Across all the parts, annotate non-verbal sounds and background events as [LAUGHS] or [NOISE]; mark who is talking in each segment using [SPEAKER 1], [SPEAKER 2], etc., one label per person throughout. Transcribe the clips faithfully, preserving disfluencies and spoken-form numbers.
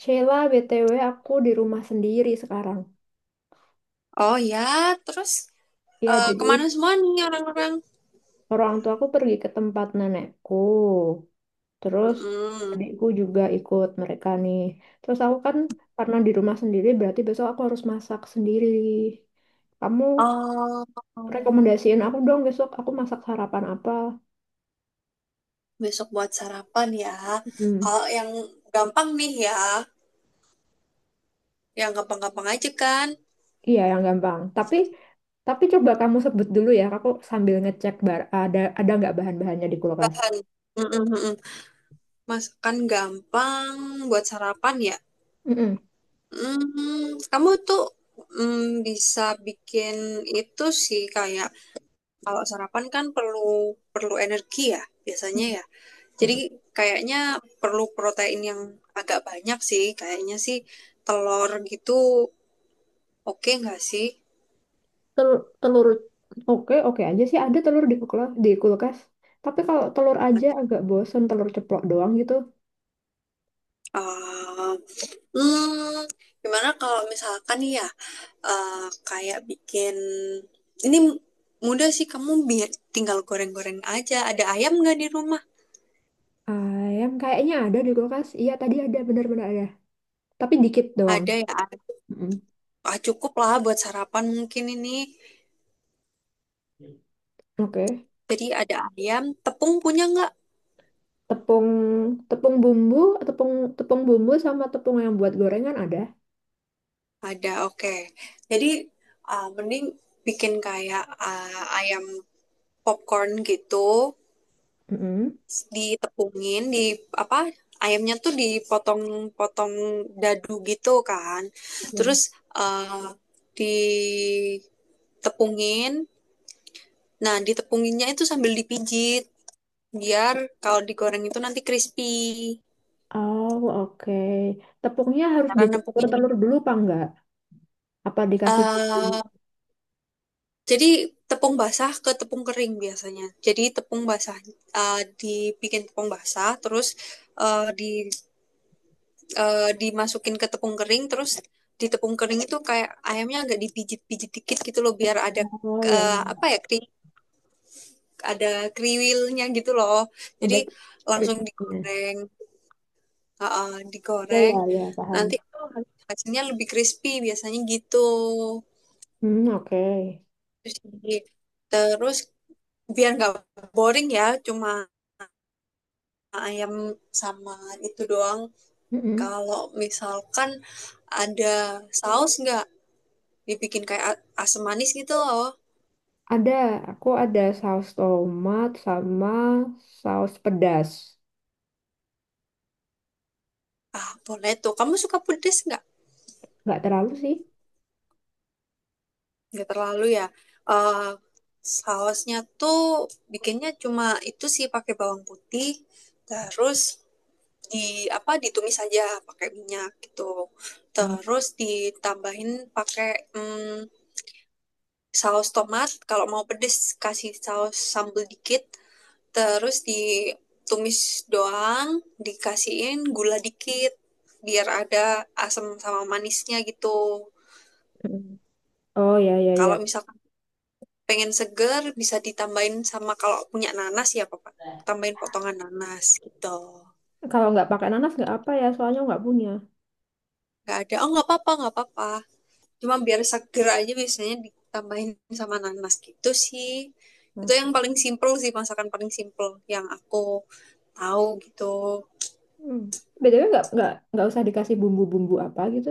[SPEAKER 1] Sheila, B T W aku di rumah sendiri sekarang.
[SPEAKER 2] Oh ya, terus
[SPEAKER 1] Ya,
[SPEAKER 2] eh, kemana
[SPEAKER 1] jadi
[SPEAKER 2] semua nih orang-orang?
[SPEAKER 1] orang tua aku pergi ke tempat nenekku. Terus
[SPEAKER 2] Mm-mm.
[SPEAKER 1] adikku juga ikut mereka nih. Terus aku kan karena di rumah sendiri berarti besok aku harus masak sendiri. Kamu
[SPEAKER 2] Oh,
[SPEAKER 1] rekomendasiin aku dong, besok aku masak sarapan apa?
[SPEAKER 2] besok buat sarapan ya.
[SPEAKER 1] Hmm,
[SPEAKER 2] Kalau yang gampang nih ya, yang gampang-gampang aja kan.
[SPEAKER 1] iya yang gampang. Tapi tapi coba kamu sebut dulu ya, aku sambil ngecek bar ada ada nggak bahan-bahannya di kulkas.
[SPEAKER 2] Bahan. Mm-mm-mm. Masakan gampang buat sarapan ya.
[SPEAKER 1] Mm-mm.
[SPEAKER 2] Mm, kamu tuh mm, bisa bikin itu sih kayak kalau sarapan kan perlu perlu energi ya biasanya ya. Jadi kayaknya perlu protein yang agak banyak sih. Kayaknya sih telur gitu oke nggak sih?
[SPEAKER 1] Telur, telur oke oke aja sih, ada telur di kulkas, di kulkas. Tapi kalau telur aja agak bosen, telur ceplok doang gitu.
[SPEAKER 2] Eh, hmm, Gimana kalau misalkan nih ya eh, kayak bikin ini mudah sih kamu biar tinggal goreng-goreng aja. Ada ayam nggak di rumah?
[SPEAKER 1] Ayam kayaknya ada di kulkas. Iya tadi ada, benar-benar ada. Tapi dikit doang.
[SPEAKER 2] Ada ya.
[SPEAKER 1] Mm-mm.
[SPEAKER 2] Ah, cukup lah buat sarapan mungkin ini.
[SPEAKER 1] Oke.
[SPEAKER 2] Jadi ada ayam, tepung punya nggak?
[SPEAKER 1] Tepung, tepung bumbu, tepung tepung bumbu sama tepung yang buat gorengan ada.
[SPEAKER 2] Ada, oke. Jadi, ah, mending bikin kayak ah, ayam popcorn gitu,
[SPEAKER 1] Mm-mm.
[SPEAKER 2] s- ditepungin, di apa? Ayamnya tuh dipotong-potong dadu gitu kan.
[SPEAKER 1] Ya.
[SPEAKER 2] Terus ah, ditepungin. Nah, ditepunginnya itu sambil dipijit biar kalau digoreng itu nanti crispy.
[SPEAKER 1] Oh, oke. Tepungnya harus
[SPEAKER 2] Karena
[SPEAKER 1] dicampur
[SPEAKER 2] nepungin,
[SPEAKER 1] telur dulu apa enggak? Apa dikasih bumbu?
[SPEAKER 2] eh jadi tepung basah ke tepung kering biasanya. Jadi tepung basah eh, dibikin tepung basah, terus eh, di eh, dimasukin ke tepung kering, terus di tepung kering itu kayak ayamnya agak dipijit-pijit dikit gitu loh, biar ada
[SPEAKER 1] Oh ya,
[SPEAKER 2] eh, apa ya kri, ada kriwilnya gitu loh. Jadi
[SPEAKER 1] ada
[SPEAKER 2] langsung
[SPEAKER 1] keripiknya.
[SPEAKER 2] digoreng, heeh,
[SPEAKER 1] Ya ya
[SPEAKER 2] digoreng.
[SPEAKER 1] ya,
[SPEAKER 2] Nanti
[SPEAKER 1] paham.
[SPEAKER 2] itu hasilnya lebih crispy biasanya gitu.
[SPEAKER 1] Hmm, oke.
[SPEAKER 2] Terus di- terus biar nggak boring ya, cuma ayam sama itu doang.
[SPEAKER 1] Mm-mm.
[SPEAKER 2] Kalau misalkan ada saus nggak dibikin kayak asam manis gitu loh.
[SPEAKER 1] Ada, aku ada saus tomat sama saus pedas.
[SPEAKER 2] Ah, boleh tuh. Kamu suka pedes nggak?
[SPEAKER 1] Nggak terlalu sih.
[SPEAKER 2] Nggak terlalu ya. Eh Sausnya tuh bikinnya cuma itu sih pakai bawang putih, terus di apa ditumis aja pakai minyak gitu. Terus ditambahin pakai mm, saus tomat. Kalau mau pedes kasih saus sambal dikit. Terus ditumis doang, dikasihin gula dikit biar ada asam sama manisnya gitu.
[SPEAKER 1] Mm-mm. Oh ya ya
[SPEAKER 2] Kalau
[SPEAKER 1] ya.
[SPEAKER 2] misalkan pengen seger bisa ditambahin sama kalau punya nanas ya Pak, tambahin potongan nanas gitu.
[SPEAKER 1] Kalau nggak pakai nanas nggak apa ya, soalnya nggak punya.
[SPEAKER 2] Gak ada, oh nggak apa-apa, nggak apa-apa. Cuma biar seger aja biasanya ditambahin sama nanas gitu sih. Itu
[SPEAKER 1] Oke.
[SPEAKER 2] yang paling simple sih, masakan paling simple yang aku tahu gitu.
[SPEAKER 1] Hmm. B T W nggak nggak nggak usah dikasih bumbu-bumbu apa gitu.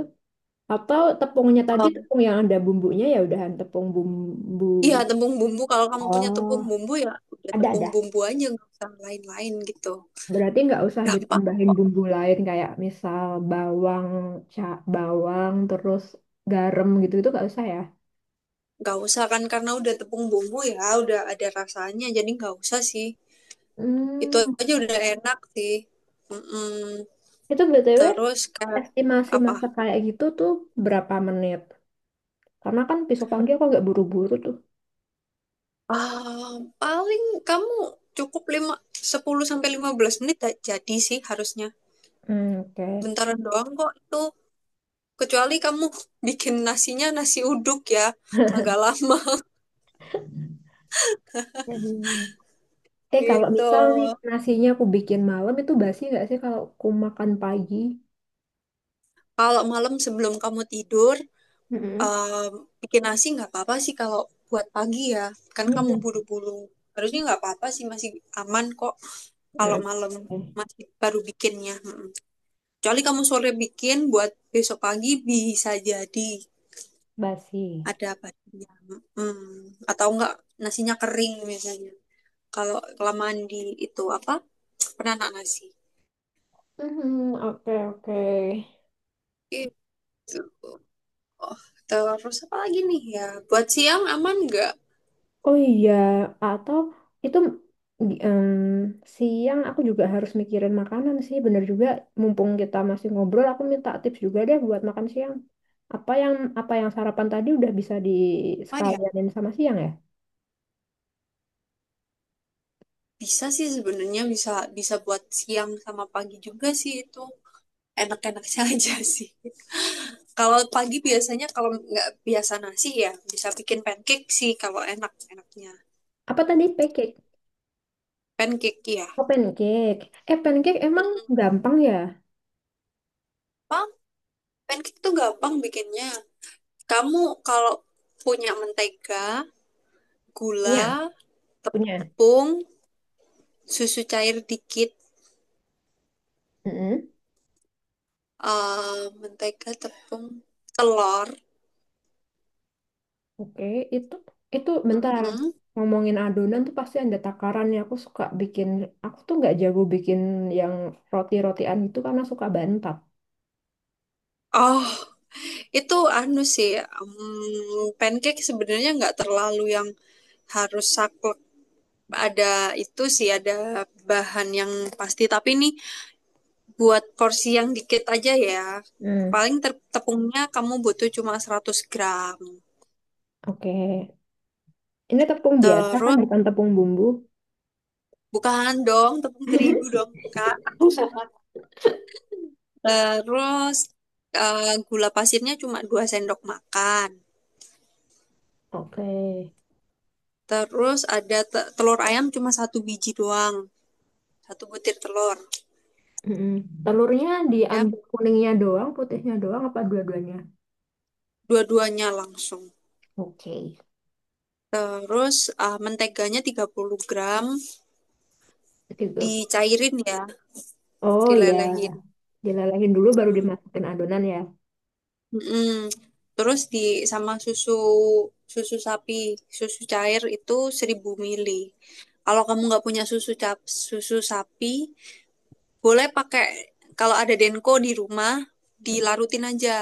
[SPEAKER 1] Atau tepungnya tadi
[SPEAKER 2] Eh,
[SPEAKER 1] tepung yang ada bumbunya, ya udahan tepung bumbu.
[SPEAKER 2] Iya, tepung bumbu. Kalau kamu punya tepung
[SPEAKER 1] Oh,
[SPEAKER 2] bumbu ya udah
[SPEAKER 1] ada
[SPEAKER 2] tepung
[SPEAKER 1] ada.
[SPEAKER 2] bumbu aja, nggak usah lain-lain gitu.
[SPEAKER 1] Berarti nggak usah
[SPEAKER 2] Gampang,
[SPEAKER 1] ditambahin bumbu lain kayak misal bawang, ca bawang, terus garam gitu, itu nggak usah ya?
[SPEAKER 2] nggak usah kan karena udah tepung bumbu ya, udah ada rasanya, jadi nggak usah sih. Itu
[SPEAKER 1] Hmm,
[SPEAKER 2] aja udah enak sih. Mm-mm.
[SPEAKER 1] itu B T W
[SPEAKER 2] Terus kayak
[SPEAKER 1] estimasi
[SPEAKER 2] apa?
[SPEAKER 1] masak kayak gitu tuh berapa menit? Karena kan besok pagi aku agak buru-buru tuh.
[SPEAKER 2] Ah, Paling kamu cukup lima sepuluh sampai lima belas menit dah jadi sih harusnya.
[SPEAKER 1] Hmm, oke.
[SPEAKER 2] Bentaran doang kok itu. Kecuali kamu bikin nasinya nasi uduk ya, agak
[SPEAKER 1] [LAUGHS]
[SPEAKER 2] lama
[SPEAKER 1] Hmm.
[SPEAKER 2] [LAUGHS]
[SPEAKER 1] Eh, kalau
[SPEAKER 2] gitu.
[SPEAKER 1] misal nih nasinya aku bikin malam, itu basi nggak sih kalau aku makan pagi?
[SPEAKER 2] Kalau malam sebelum kamu tidur,
[SPEAKER 1] Mm-mm.
[SPEAKER 2] em, bikin nasi nggak apa-apa sih kalau buat pagi ya. Kan kamu
[SPEAKER 1] Hmm.
[SPEAKER 2] buru-buru. Harusnya nggak apa-apa sih, masih aman kok
[SPEAKER 1] Hmm.
[SPEAKER 2] kalau
[SPEAKER 1] Eh,
[SPEAKER 2] malam masih baru bikinnya. Mm. Kecuali kamu sore bikin buat besok pagi bisa jadi
[SPEAKER 1] basi.
[SPEAKER 2] ada badannya. Mm. Atau enggak nasinya kering misalnya. Kalau kelamaan di itu apa? Penanak nasi.
[SPEAKER 1] Hmm, oke oke.
[SPEAKER 2] Itu? Oh, terus apa lagi nih ya? Buat siang aman nggak?
[SPEAKER 1] Oh iya, atau itu, em, siang aku juga harus mikirin makanan sih, bener juga. Mumpung kita masih ngobrol, aku minta tips juga deh buat makan siang. Apa yang apa yang sarapan tadi udah bisa di
[SPEAKER 2] Apa ya?
[SPEAKER 1] disekalianin sama siang ya?
[SPEAKER 2] Bisa sih sebenarnya bisa bisa buat siang sama pagi juga sih itu. Enak-enaknya [LAUGHS] aja sih. Kalau pagi biasanya kalau nggak biasa nasi ya bisa bikin pancake sih kalau enak-enaknya.
[SPEAKER 1] Apa tadi pancake?
[SPEAKER 2] Pancake ya.
[SPEAKER 1] Oh, pancake. Eh, pancake emang gampang ya?
[SPEAKER 2] Gampang. Pancake tuh gampang bikinnya. Kamu kalau punya mentega,
[SPEAKER 1] Punya,
[SPEAKER 2] gula,
[SPEAKER 1] punya.
[SPEAKER 2] tepung, susu cair dikit, eh mentega, tepung, telur.
[SPEAKER 1] Oke, itu itu bentar,
[SPEAKER 2] Mm-mm.
[SPEAKER 1] ngomongin adonan tuh pasti ada takarannya. Aku suka bikin, aku tuh nggak jago bikin yang roti-rotian itu karena suka bantat.
[SPEAKER 2] Oh, itu anu sih, mm, pancake sebenarnya nggak terlalu yang harus saklek. Ada itu sih, ada bahan yang pasti. Tapi ini buat porsi yang dikit aja ya.
[SPEAKER 1] Hmm.
[SPEAKER 2] Paling ter- tepungnya kamu butuh cuma seratus gram.
[SPEAKER 1] Oke, ini tepung biasa kan,
[SPEAKER 2] Terus,
[SPEAKER 1] bukan tepung bumbu.
[SPEAKER 2] bukan dong, tepung terigu dong, Kak. [LAUGHS] Terus eh, gula pasirnya cuma dua sendok makan.
[SPEAKER 1] Oke.
[SPEAKER 2] Terus ada te- telur ayam cuma satu biji doang, satu butir telur.
[SPEAKER 1] Mm-mm. Telurnya
[SPEAKER 2] Ya,
[SPEAKER 1] diambil kuningnya doang, putihnya doang, apa dua-duanya?
[SPEAKER 2] dua-duanya langsung.
[SPEAKER 1] Oke.
[SPEAKER 2] Terus ah, menteganya tiga puluh gram
[SPEAKER 1] Tiga.
[SPEAKER 2] dicairin ya,
[SPEAKER 1] Oh ya,
[SPEAKER 2] dilelehin.
[SPEAKER 1] dilelehin dulu baru
[SPEAKER 2] Mm.
[SPEAKER 1] dimasukin adonan ya.
[SPEAKER 2] Mm-mm. Terus di sama susu susu sapi, susu cair itu seribu mili. Kalau kamu nggak punya susu cap, susu sapi, boleh pakai kalau ada Denko di rumah dilarutin aja.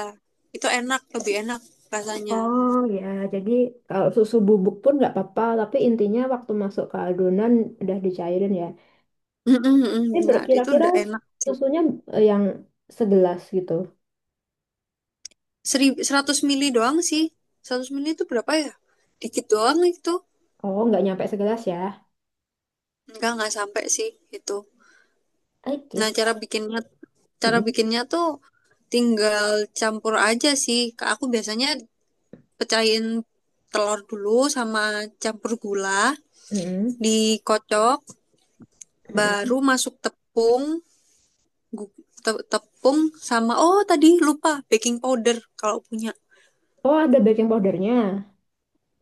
[SPEAKER 2] Itu enak, lebih enak rasanya.
[SPEAKER 1] Oh ya, jadi kalau susu bubuk pun nggak apa-apa, tapi intinya waktu masuk ke adonan udah dicairin ya.
[SPEAKER 2] Mm-mm,
[SPEAKER 1] Ini
[SPEAKER 2] benar, itu
[SPEAKER 1] berkira-kira
[SPEAKER 2] udah enak.
[SPEAKER 1] susunya eh, yang segelas gitu.
[SPEAKER 2] Serib, seratus mili doang sih. Seratus mili itu berapa ya? Dikit doang itu.
[SPEAKER 1] Oh, nggak nyampe segelas ya.
[SPEAKER 2] Enggak, nggak sampai sih itu. Nah,
[SPEAKER 1] Oke.
[SPEAKER 2] cara bikinnya cara
[SPEAKER 1] Mm-mm.
[SPEAKER 2] bikinnya tuh tinggal campur aja sih. Ke- Aku biasanya pecahin telur dulu sama campur gula,
[SPEAKER 1] Mm-mm.
[SPEAKER 2] dikocok,
[SPEAKER 1] Mm-mm.
[SPEAKER 2] baru masuk tepung, gu- te- tepung sama oh tadi lupa baking powder kalau punya.
[SPEAKER 1] Oh, ada baking powdernya.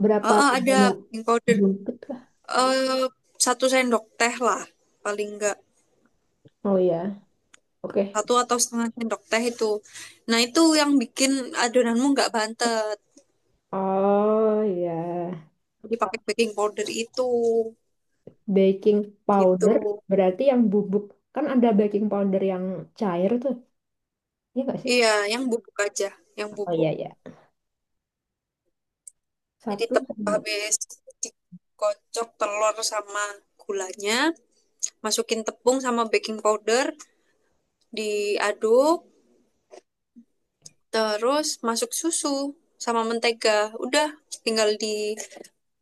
[SPEAKER 1] Berapa
[SPEAKER 2] Oh, oh, ada
[SPEAKER 1] banyak,
[SPEAKER 2] baking powder.
[SPEAKER 1] bungkus lah?
[SPEAKER 2] Eh, Satu sendok teh lah paling enggak.
[SPEAKER 1] Oh ya, oke.
[SPEAKER 2] Satu atau setengah sendok teh itu. Nah, itu yang bikin adonanmu nggak bantet.
[SPEAKER 1] Oh ya,
[SPEAKER 2] Dipakai baking powder itu,
[SPEAKER 1] baking
[SPEAKER 2] gitu.
[SPEAKER 1] powder berarti yang bubuk. Kan ada baking powder yang cair tuh, iya nggak sih?
[SPEAKER 2] Iya, yang bubuk aja, yang
[SPEAKER 1] Oh
[SPEAKER 2] bubuk.
[SPEAKER 1] iya, iya.
[SPEAKER 2] Jadi
[SPEAKER 1] Satu.
[SPEAKER 2] tep- habis dikocok telur sama gulanya, masukin tepung sama baking powder, diaduk, terus masuk susu sama mentega. Udah, tinggal di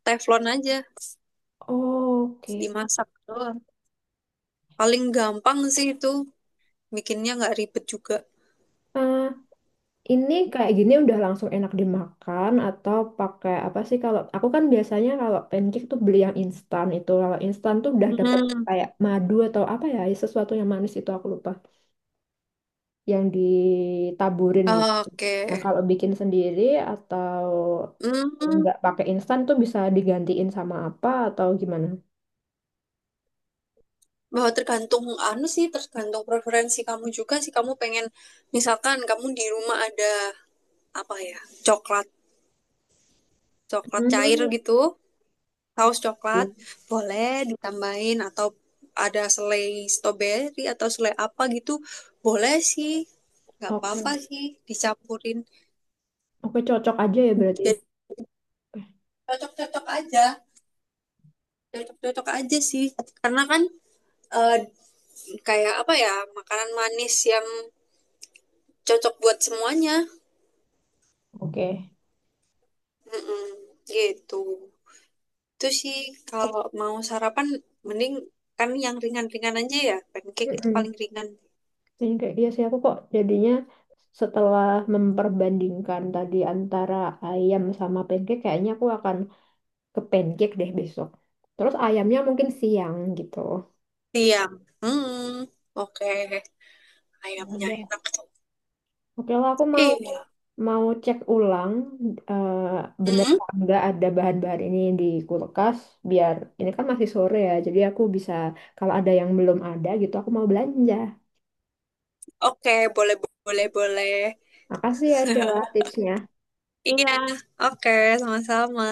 [SPEAKER 2] teflon aja,
[SPEAKER 1] Oke.
[SPEAKER 2] dimasak doang. Paling gampang sih itu, bikinnya nggak ribet juga.
[SPEAKER 1] Nah, ini kayak gini udah langsung enak dimakan atau pakai apa sih? Kalau aku kan biasanya kalau pancake tuh beli yang instan itu. Kalau instan tuh udah dapat
[SPEAKER 2] Hmm.
[SPEAKER 1] kayak madu atau apa ya, sesuatu yang manis itu aku lupa, yang ditaburin gitu. Nah,
[SPEAKER 2] Oke.
[SPEAKER 1] kalau bikin sendiri atau
[SPEAKER 2] Hmm,
[SPEAKER 1] nggak pakai instan tuh bisa digantiin sama apa atau gimana?
[SPEAKER 2] Bahwa tergantung anu sih, tergantung preferensi kamu juga sih. Kamu pengen misalkan kamu di rumah ada apa ya? Coklat, coklat cair
[SPEAKER 1] Hmm.
[SPEAKER 2] gitu, saus coklat,
[SPEAKER 1] Iya.
[SPEAKER 2] boleh ditambahin atau ada selai stroberi atau selai apa gitu, boleh sih. Nggak apa-apa
[SPEAKER 1] Oke.
[SPEAKER 2] sih dicampurin.
[SPEAKER 1] Oke, cocok aja ya berarti.
[SPEAKER 2] Jadi cocok-cocok aja, cocok-cocok aja sih. Karena kan eh, kayak apa ya, makanan manis yang cocok buat semuanya.
[SPEAKER 1] Oke.
[SPEAKER 2] Mm-mm, gitu. Itu sih kalau mau sarapan mending kan yang ringan-ringan aja ya. Pancake itu paling
[SPEAKER 1] Mm-mm.
[SPEAKER 2] ringan.
[SPEAKER 1] Yang kayak iya sih, aku kok jadinya setelah memperbandingkan tadi antara ayam sama pancake, kayaknya aku akan ke pancake deh besok. Terus ayamnya mungkin siang gitu.
[SPEAKER 2] Siang. Hmm. Oke, ayamnya
[SPEAKER 1] Ada.
[SPEAKER 2] enak tuh.
[SPEAKER 1] Oke lah, aku mau
[SPEAKER 2] Iya.
[SPEAKER 1] mau cek ulang eh, bener
[SPEAKER 2] Hmm.
[SPEAKER 1] apa enggak ada bahan-bahan ini di kulkas, biar ini kan masih sore ya. Jadi aku bisa kalau ada yang belum ada gitu aku mau belanja.
[SPEAKER 2] Oke, boleh boleh boleh.
[SPEAKER 1] Makasih ya Sheila tipsnya.
[SPEAKER 2] Iya, oke, sama-sama.